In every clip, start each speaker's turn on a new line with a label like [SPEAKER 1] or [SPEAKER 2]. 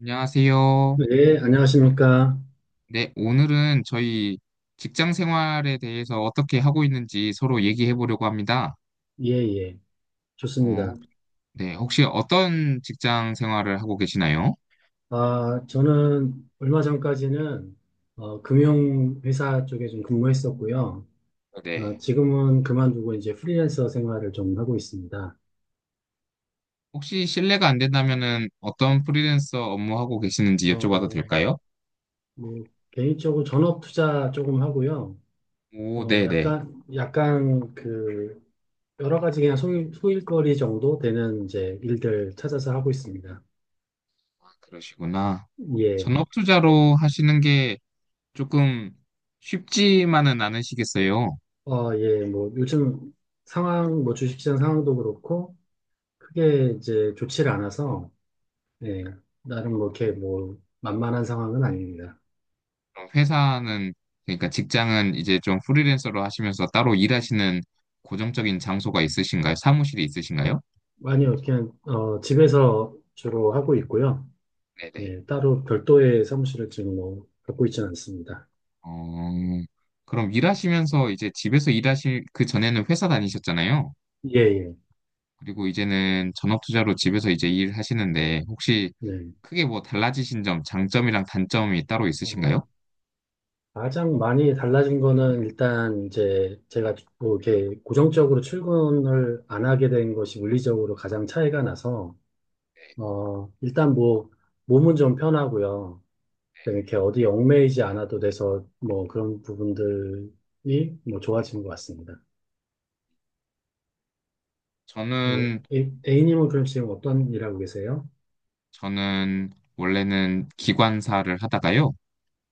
[SPEAKER 1] 안녕하세요.
[SPEAKER 2] 네, 안녕하십니까.
[SPEAKER 1] 네, 오늘은 저희 직장 생활에 대해서 어떻게 하고 있는지 서로 얘기해 보려고 합니다.
[SPEAKER 2] 예, 예.
[SPEAKER 1] 어,
[SPEAKER 2] 좋습니다.
[SPEAKER 1] 네, 혹시 어떤 직장 생활을 하고 계시나요?
[SPEAKER 2] 아, 저는 얼마 전까지는 금융회사 쪽에 좀 근무했었고요. 아,
[SPEAKER 1] 네.
[SPEAKER 2] 지금은 그만두고 이제 프리랜서 생활을 좀 하고 있습니다.
[SPEAKER 1] 혹시 실례가 안 된다면은 어떤 프리랜서 업무하고 계시는지 여쭤봐도
[SPEAKER 2] 어,
[SPEAKER 1] 될까요?
[SPEAKER 2] 뭐, 개인적으로 전업 투자 조금 하고요.
[SPEAKER 1] 오, 네네.
[SPEAKER 2] 약간 그, 여러 가지 그냥 소일거리 정도 되는 이제 일들 찾아서 하고 있습니다.
[SPEAKER 1] 아, 그러시구나.
[SPEAKER 2] 예.
[SPEAKER 1] 전업 투자로 하시는 게 조금 쉽지만은 않으시겠어요?
[SPEAKER 2] 예. 뭐, 요즘 상황, 뭐, 주식시장 상황도 그렇고, 크게 이제 좋지를 않아서, 예, 나름 뭐 이렇게 뭐 만만한 상황은 아닙니다.
[SPEAKER 1] 그럼 회사는 그러니까 직장은 이제 좀 프리랜서로 하시면서 따로 일하시는 고정적인 장소가 있으신가요? 사무실이 있으신가요?
[SPEAKER 2] 아니요, 그냥, 집에서 주로 하고 있고요.
[SPEAKER 1] 네네.
[SPEAKER 2] 예, 따로 별도의 사무실을 지금 뭐 갖고 있지는 않습니다.
[SPEAKER 1] 어, 그럼 일하시면서 이제 집에서 일하실 그 전에는 회사 다니셨잖아요.
[SPEAKER 2] 예, 예,
[SPEAKER 1] 그리고 이제는 전업 투자로 집에서 이제 일하시는데 혹시
[SPEAKER 2] 네.
[SPEAKER 1] 크게 뭐 달라지신 점, 장점이랑 단점이 따로
[SPEAKER 2] 어,
[SPEAKER 1] 있으신가요?
[SPEAKER 2] 가장 많이 달라진 거는 일단 이제 제가 뭐 이렇게 고정적으로 출근을 안 하게 된 것이 물리적으로 가장 차이가 나서,
[SPEAKER 1] 네.
[SPEAKER 2] 일단 뭐 몸은 좀 편하고요. 네, 이렇게 어디 얽매이지 않아도 돼서 뭐 그런 부분들이 뭐 좋아지는 것 같습니다. 어,
[SPEAKER 1] 저는
[SPEAKER 2] A님은 그럼 지금 어떤 일 하고 계세요?
[SPEAKER 1] 저는 원래는 기관사를 하다가요.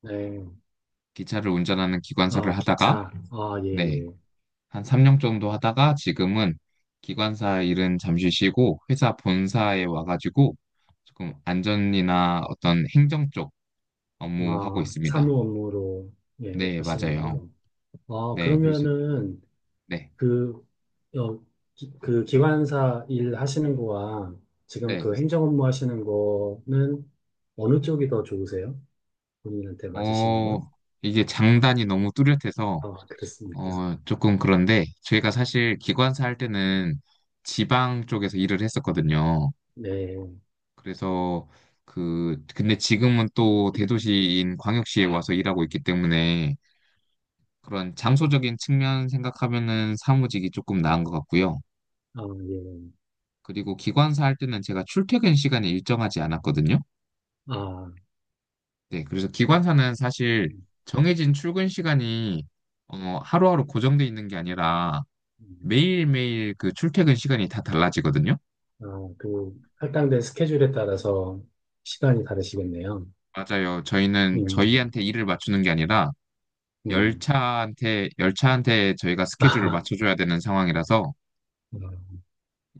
[SPEAKER 2] 네,
[SPEAKER 1] 기차를 운전하는 기관사를
[SPEAKER 2] 아,
[SPEAKER 1] 하다가
[SPEAKER 2] 기차, 아, 예,
[SPEAKER 1] 네.
[SPEAKER 2] 예.
[SPEAKER 1] 한 3년 정도 하다가 지금은 기관사 일은 잠시 쉬고 회사 본사에 와가지고 조금 안전이나 어떤 행정 쪽 업무 하고
[SPEAKER 2] 아,
[SPEAKER 1] 있습니다.
[SPEAKER 2] 사무 업무로, 예,
[SPEAKER 1] 네, 맞아요.
[SPEAKER 2] 하시는군요. 아,
[SPEAKER 1] 네, 그래서
[SPEAKER 2] 그러면은
[SPEAKER 1] 네,
[SPEAKER 2] 그, 어, 그 기관사 일 하시는 거와 지금
[SPEAKER 1] 네.
[SPEAKER 2] 그 행정 업무 하시는 거는 어느 쪽이 더 좋으세요? 본인한테 맞으시는
[SPEAKER 1] 어,
[SPEAKER 2] 건?
[SPEAKER 1] 이게 장단이 너무 뚜렷해서
[SPEAKER 2] 아, 그렇습니까?
[SPEAKER 1] 조금 그런데 저희가 사실 기관사 할 때는 지방 쪽에서 일을 했었거든요.
[SPEAKER 2] 네.
[SPEAKER 1] 그래서 그 근데 지금은 또 대도시인 광역시에 와서 일하고 있기 때문에 그런 장소적인 측면 생각하면은 사무직이 조금 나은 것 같고요.
[SPEAKER 2] 아, 예.
[SPEAKER 1] 그리고 기관사 할 때는 제가 출퇴근 시간이 일정하지 않았거든요.
[SPEAKER 2] 아,
[SPEAKER 1] 네, 그래서
[SPEAKER 2] 그렇군요.
[SPEAKER 1] 기관사는 사실 정해진 출근 시간이 하루하루 고정돼 있는 게 아니라
[SPEAKER 2] 음.
[SPEAKER 1] 매일매일 그 출퇴근 시간이 다 달라지거든요.
[SPEAKER 2] 아, 그 할당된 스케줄에 따라서 시간이 다르시겠네요.
[SPEAKER 1] 맞아요. 저희는
[SPEAKER 2] 음,
[SPEAKER 1] 저희한테 일을 맞추는 게 아니라
[SPEAKER 2] 음.
[SPEAKER 1] 열차한테 저희가 스케줄을
[SPEAKER 2] 아,
[SPEAKER 1] 맞춰줘야 되는 상황이라서
[SPEAKER 2] 음,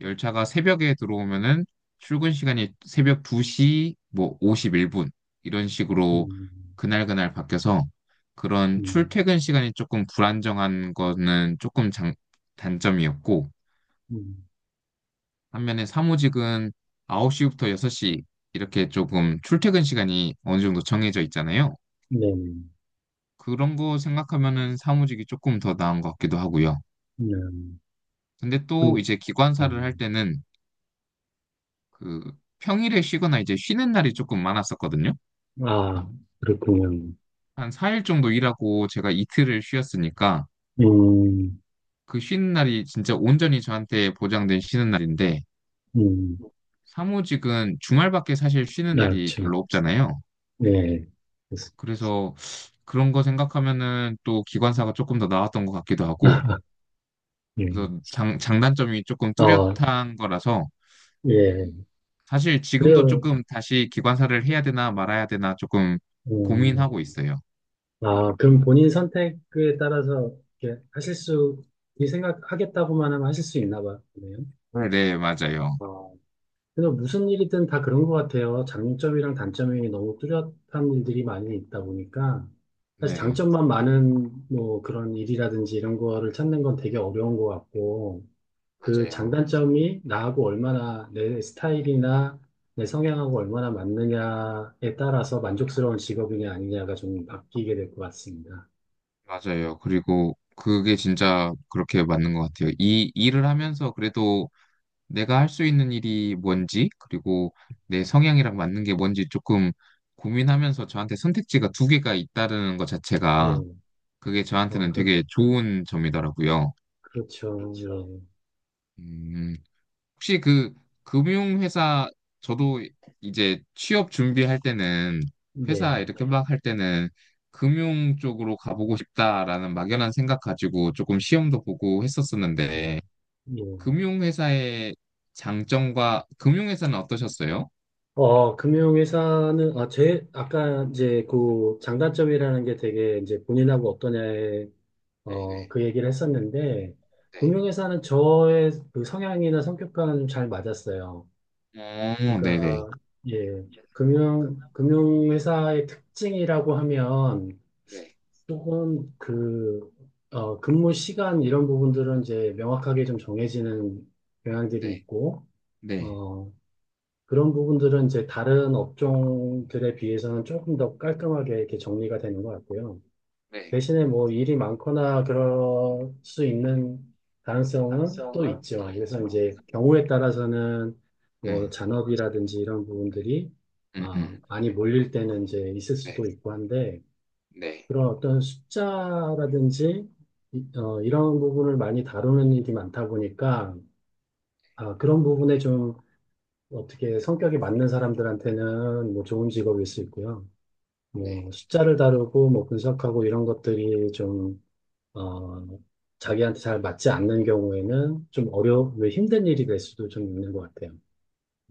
[SPEAKER 1] 열차가 새벽에 들어오면은 출근 시간이 새벽 2시 뭐 51분 이런 식으로
[SPEAKER 2] 음,
[SPEAKER 1] 그날그날 바뀌어서 그런
[SPEAKER 2] 음.
[SPEAKER 1] 출퇴근 시간이 조금 불안정한 거는 조금 장, 단점이었고
[SPEAKER 2] 음.
[SPEAKER 1] 반면에 사무직은 9시부터 6시 이렇게 조금 출퇴근 시간이 어느 정도 정해져 있잖아요.
[SPEAKER 2] 네,
[SPEAKER 1] 그런 거 생각하면은 사무직이 조금 더 나은 것 같기도 하고요. 근데 또
[SPEAKER 2] 음,
[SPEAKER 1] 이제 기관사를 할
[SPEAKER 2] 음.
[SPEAKER 1] 때는 그 평일에 쉬거나 이제 쉬는 날이 조금 많았었거든요.
[SPEAKER 2] 아, 그렇군요.
[SPEAKER 1] 한 4일 정도 일하고 제가 이틀을 쉬었으니까
[SPEAKER 2] 음,
[SPEAKER 1] 그 쉬는 날이 진짜 온전히 저한테 보장된 쉬는 날인데
[SPEAKER 2] 음,
[SPEAKER 1] 사무직은 주말밖에 사실 쉬는
[SPEAKER 2] 아,
[SPEAKER 1] 날이 별로
[SPEAKER 2] 참,
[SPEAKER 1] 없잖아요.
[SPEAKER 2] 네. 그래서-
[SPEAKER 1] 그래서 그런 거 생각하면은 또 기관사가 조금 더 나았던 것 같기도 하고
[SPEAKER 2] 예.
[SPEAKER 1] 그래서 장, 장단점이 조금
[SPEAKER 2] 어,
[SPEAKER 1] 뚜렷한 거라서
[SPEAKER 2] 예.
[SPEAKER 1] 사실 지금도
[SPEAKER 2] 그래요.
[SPEAKER 1] 조금 다시 기관사를 해야 되나 말아야 되나 조금
[SPEAKER 2] 음.
[SPEAKER 1] 고민하고 있어요.
[SPEAKER 2] 아, 그럼 본인 선택에 따라서 이렇게 하실 수, 이 생각하겠다고만 하면 하실 수 있나 보네요.
[SPEAKER 1] 네, 네, 맞아요.
[SPEAKER 2] 아, 그래서 무슨 일이든 다 그런 것 같아요. 장점이랑 단점이 너무 뚜렷한 일들이 많이 있다 보니까 사실
[SPEAKER 1] 네,
[SPEAKER 2] 장점만 많은 뭐 그런 일이라든지 이런 거를 찾는 건 되게 어려운 것 같고 그
[SPEAKER 1] 맞아요.
[SPEAKER 2] 장단점이 나하고 얼마나 내 스타일이나 내 성향하고 얼마나 맞느냐에 따라서 만족스러운 직업이냐 아니냐가 좀 바뀌게 될 것 같습니다.
[SPEAKER 1] 맞아요. 그리고 그게 진짜 그렇게 맞는 것 같아요. 이 일을 하면서 그래도 내가 할 수 있는 일이 뭔지, 그리고 내 성향이랑 맞는 게 뭔지 조금 고민하면서 저한테 선택지가 두 개가 있다는 것
[SPEAKER 2] 네.
[SPEAKER 1] 자체가 그게
[SPEAKER 2] 어,
[SPEAKER 1] 저한테는
[SPEAKER 2] 그,
[SPEAKER 1] 되게 좋은 점이더라고요.
[SPEAKER 2] 그렇죠. 예.
[SPEAKER 1] 그렇죠. 음, 혹시 그 금융회사 저도 이제 취업 준비할 때는
[SPEAKER 2] 네.
[SPEAKER 1] 회사 이렇게 네. 막 할 때는 금융 쪽으로 가보고 싶다라는 막연한 생각 가지고 조금 시험도 보고
[SPEAKER 2] 음,
[SPEAKER 1] 했었었는데
[SPEAKER 2] 예.
[SPEAKER 1] 금융회사의 장점과 금융회사는 어떠셨어요?
[SPEAKER 2] 금융회사는, 아, 아까 이제 그 장단점이라는 게 되게 이제 본인하고 어떠냐에,
[SPEAKER 1] 네, 네,
[SPEAKER 2] 그 얘기를 했었는데, 금융회사는 저의 그 성향이나 성격과는 잘 맞았어요.
[SPEAKER 1] 네, 네네.
[SPEAKER 2] 그러니까, 예.
[SPEAKER 1] 이제 끝나-
[SPEAKER 2] 금융회사의 특징이라고 하면,
[SPEAKER 1] 네,
[SPEAKER 2] 조금 그, 근무 시간 이런 부분들은 이제 명확하게 좀 정해지는 경향들이
[SPEAKER 1] 네,
[SPEAKER 2] 있고,
[SPEAKER 1] 네.
[SPEAKER 2] 어, 그런 부분들은 이제 다른 업종들에 비해서는 조금 더 깔끔하게 이렇게 정리가 되는 것 같고요.
[SPEAKER 1] 네.
[SPEAKER 2] 대신에 뭐 일이 많거나 그럴 수 있는 가능성은 또
[SPEAKER 1] 가능성은 더
[SPEAKER 2] 있죠.
[SPEAKER 1] 있죠.
[SPEAKER 2] 그래서 이제 경우에 따라서는 뭐
[SPEAKER 1] 네.
[SPEAKER 2] 잔업이라든지 이런 부분들이
[SPEAKER 1] 음, 음.
[SPEAKER 2] 많이 몰릴 때는 이제 있을
[SPEAKER 1] 네,
[SPEAKER 2] 수도 있고 한데
[SPEAKER 1] 네,
[SPEAKER 2] 그런 어떤 숫자라든지 이런 부분을 많이 다루는 일이 많다 보니까 아, 그런 부분에 좀 어떻게 성격이 맞는 사람들한테는 뭐 좋은 직업일 수 있고요.
[SPEAKER 1] 네,
[SPEAKER 2] 뭐 숫자를 다루고 뭐 분석하고 이런 것들이 좀, 어, 자기한테 잘 맞지 않는 경우에는 좀 왜 힘든 일이 될 수도 좀 있는 것 같아요.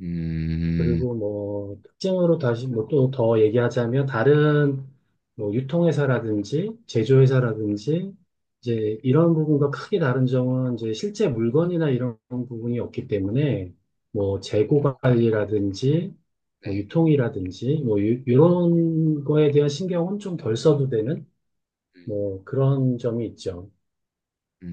[SPEAKER 1] 음.
[SPEAKER 2] 그리고 뭐 특징으로 다시 뭐 또 더 얘기하자면 다른 뭐 유통회사라든지 제조회사라든지 이제 이런 부분과 크게 다른 점은 이제 실제 물건이나 이런 부분이 없기 때문에 뭐 재고 관리라든지 뭐
[SPEAKER 1] 네.
[SPEAKER 2] 유통이라든지 이런 거에 대한 신경은 좀 덜 써도 되는 뭐 그런 점이 있죠.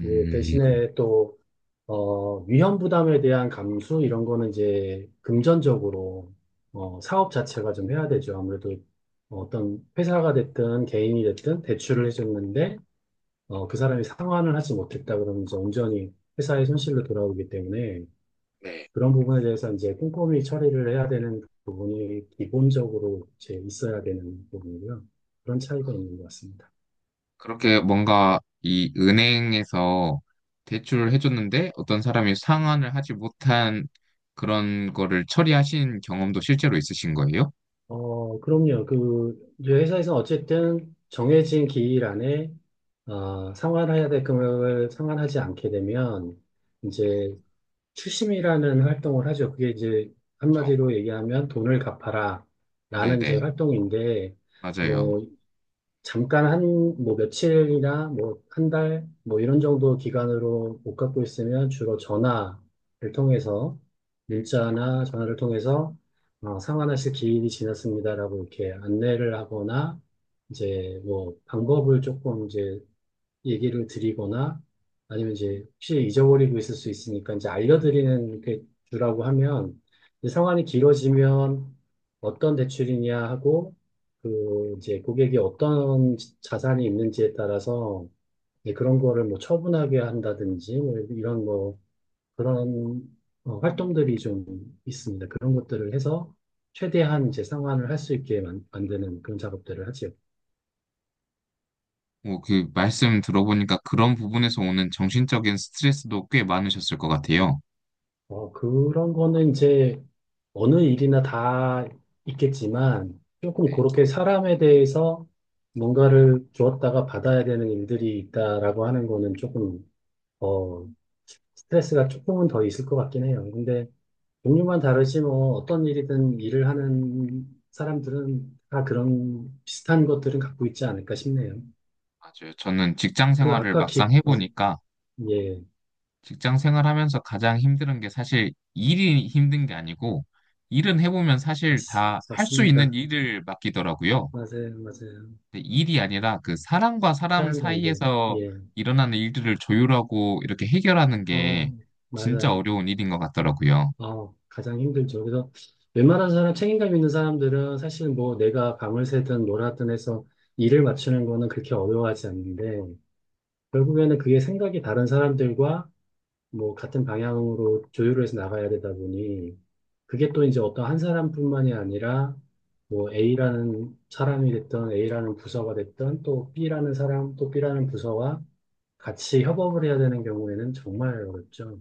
[SPEAKER 2] 근데 대신에 또 위험 부담에 대한 감수 이런 거는 이제 금전적으로 사업 자체가 좀 해야 되죠. 아무래도 어떤 회사가 됐든 개인이 됐든 대출을 해줬는데 그 사람이 상환을 하지 못했다 그러면 이제 온전히 회사의 손실로 돌아오기 때문에
[SPEAKER 1] 네.
[SPEAKER 2] 그런 부분에 대해서 이제 꼼꼼히 처리를 해야 되는 부분이 기본적으로 이제 있어야 되는 부분이고요. 그런
[SPEAKER 1] 어,
[SPEAKER 2] 차이가 있는 것 같습니다.
[SPEAKER 1] 그렇게 뭔가 이 은행에서 대출을 해줬는데 어떤 사람이 상환을 하지 못한 그런 거를 처리하신 경험도 실제로 있으신 거예요?
[SPEAKER 2] 그럼요. 그, 이제 회사에서는 어쨌든 정해진 기일 안에, 상환해야 될 금액을 상환하지 않게 되면,
[SPEAKER 1] 네.
[SPEAKER 2] 이제 추심이라는 활동을 하죠. 그게 이제
[SPEAKER 1] 그렇죠.
[SPEAKER 2] 한마디로 얘기하면 돈을 갚아라. 라는 이제
[SPEAKER 1] 네네,
[SPEAKER 2] 활동인데,
[SPEAKER 1] 맞아요.
[SPEAKER 2] 뭐, 잠깐 한, 뭐, 며칠이나, 뭐, 한 달, 뭐, 이런 정도 기간으로 못 갖고 있으면 주로 전화를 통해서, 문자나 전화를 통해서, 상환 하실 기일이 지났습니다라고 이렇게 안내를 하거나, 이제 뭐, 방법을 조금 이제 얘기를 드리거나 아니면 이제 혹시 잊어버리고 있을 수 있으니까 이제 알려드리는 게 주라고 하면 이제 상환이 길어지면 어떤 대출이냐 하고 그 이제 고객이 어떤 자산이 있는지에 따라서 이제 그런 거를 뭐 처분하게 한다든지 뭐 이런 거 그런 활동들이 좀 있습니다. 그런 것들을 해서 최대한 이제 상환을 할 수 있게 만드는 그런 작업들을 하지요.
[SPEAKER 1] 뭐 그 말씀 들어보니까 그런 부분에서 오는 정신적인 스트레스도 꽤 많으셨을 것 같아요.
[SPEAKER 2] 그런 거는 이제 어느 일이나 다 있겠지만 조금
[SPEAKER 1] 네,
[SPEAKER 2] 그렇게 사람에 대해서 뭔가를 주었다가 받아야 되는 일들이 있다라고 하는 거는 조금, 어, 스트레스가 조금은 더 있을 것 같긴 해요. 근데 종류만 다르지 뭐 어떤 일이든 일을 하는 사람들은 다 그런 비슷한 것들은 갖고 있지 않을까 싶네요.
[SPEAKER 1] 맞아요. 저는 직장
[SPEAKER 2] 그
[SPEAKER 1] 생활을
[SPEAKER 2] 아까
[SPEAKER 1] 막상 해보니까
[SPEAKER 2] 예,
[SPEAKER 1] 직장 생활하면서 가장 힘든 게 사실 일이 힘든 게 아니고 일은 해보면
[SPEAKER 2] 맞,
[SPEAKER 1] 사실 다 할 수 있는
[SPEAKER 2] 맞습니다.
[SPEAKER 1] 일을 맡기더라고요.
[SPEAKER 2] 맞아요, 맞아요.
[SPEAKER 1] 근데 일이 아니라 그 사람과 사람
[SPEAKER 2] 사람 관계,
[SPEAKER 1] 사이에서
[SPEAKER 2] 예.
[SPEAKER 1] 일어나는 일들을 조율하고 이렇게 해결하는 게
[SPEAKER 2] 어,
[SPEAKER 1] 진짜
[SPEAKER 2] 맞아요.
[SPEAKER 1] 어려운 일인 것 같더라고요.
[SPEAKER 2] 가장 힘들죠. 그래서 웬만한 사람, 책임감 있는 사람들은 사실 뭐 내가 밤을 새든 뭘 하든 해서 일을 맞추는 거는 그렇게 어려워하지 않는데, 결국에는 그게 생각이 다른 사람들과 뭐 같은 방향으로 조율을 해서 나가야 되다 보니, 그게 또 이제 어떤 한 사람뿐만이 아니라, 뭐 A라는 사람이 됐든 A라는 부서가 됐든 또 B라는 사람, 또 B라는 부서와 같이 협업을 해야 되는 경우에는 정말 어렵죠.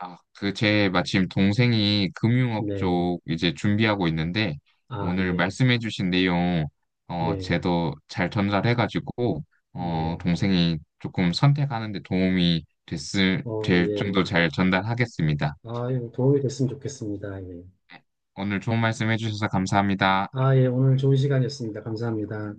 [SPEAKER 1] 아, 그, 제 마침 동생이 금융업
[SPEAKER 2] 네.
[SPEAKER 1] 쪽 이제 준비하고 있는데,
[SPEAKER 2] 아,
[SPEAKER 1] 오늘
[SPEAKER 2] 예.
[SPEAKER 1] 말씀해주신 내용,
[SPEAKER 2] 네.
[SPEAKER 1] 제도 잘 전달해가지고,
[SPEAKER 2] 네.
[SPEAKER 1] 동생이 조금 선택하는데 도움이 됐을, 될
[SPEAKER 2] 예.
[SPEAKER 1] 정도 잘 전달하겠습니다.
[SPEAKER 2] 아, 도움이 됐으면 좋겠습니다. 예.
[SPEAKER 1] 오늘 좋은 말씀해주셔서 감사합니다.
[SPEAKER 2] 아, 예. 오늘 좋은 시간이었습니다. 감사합니다.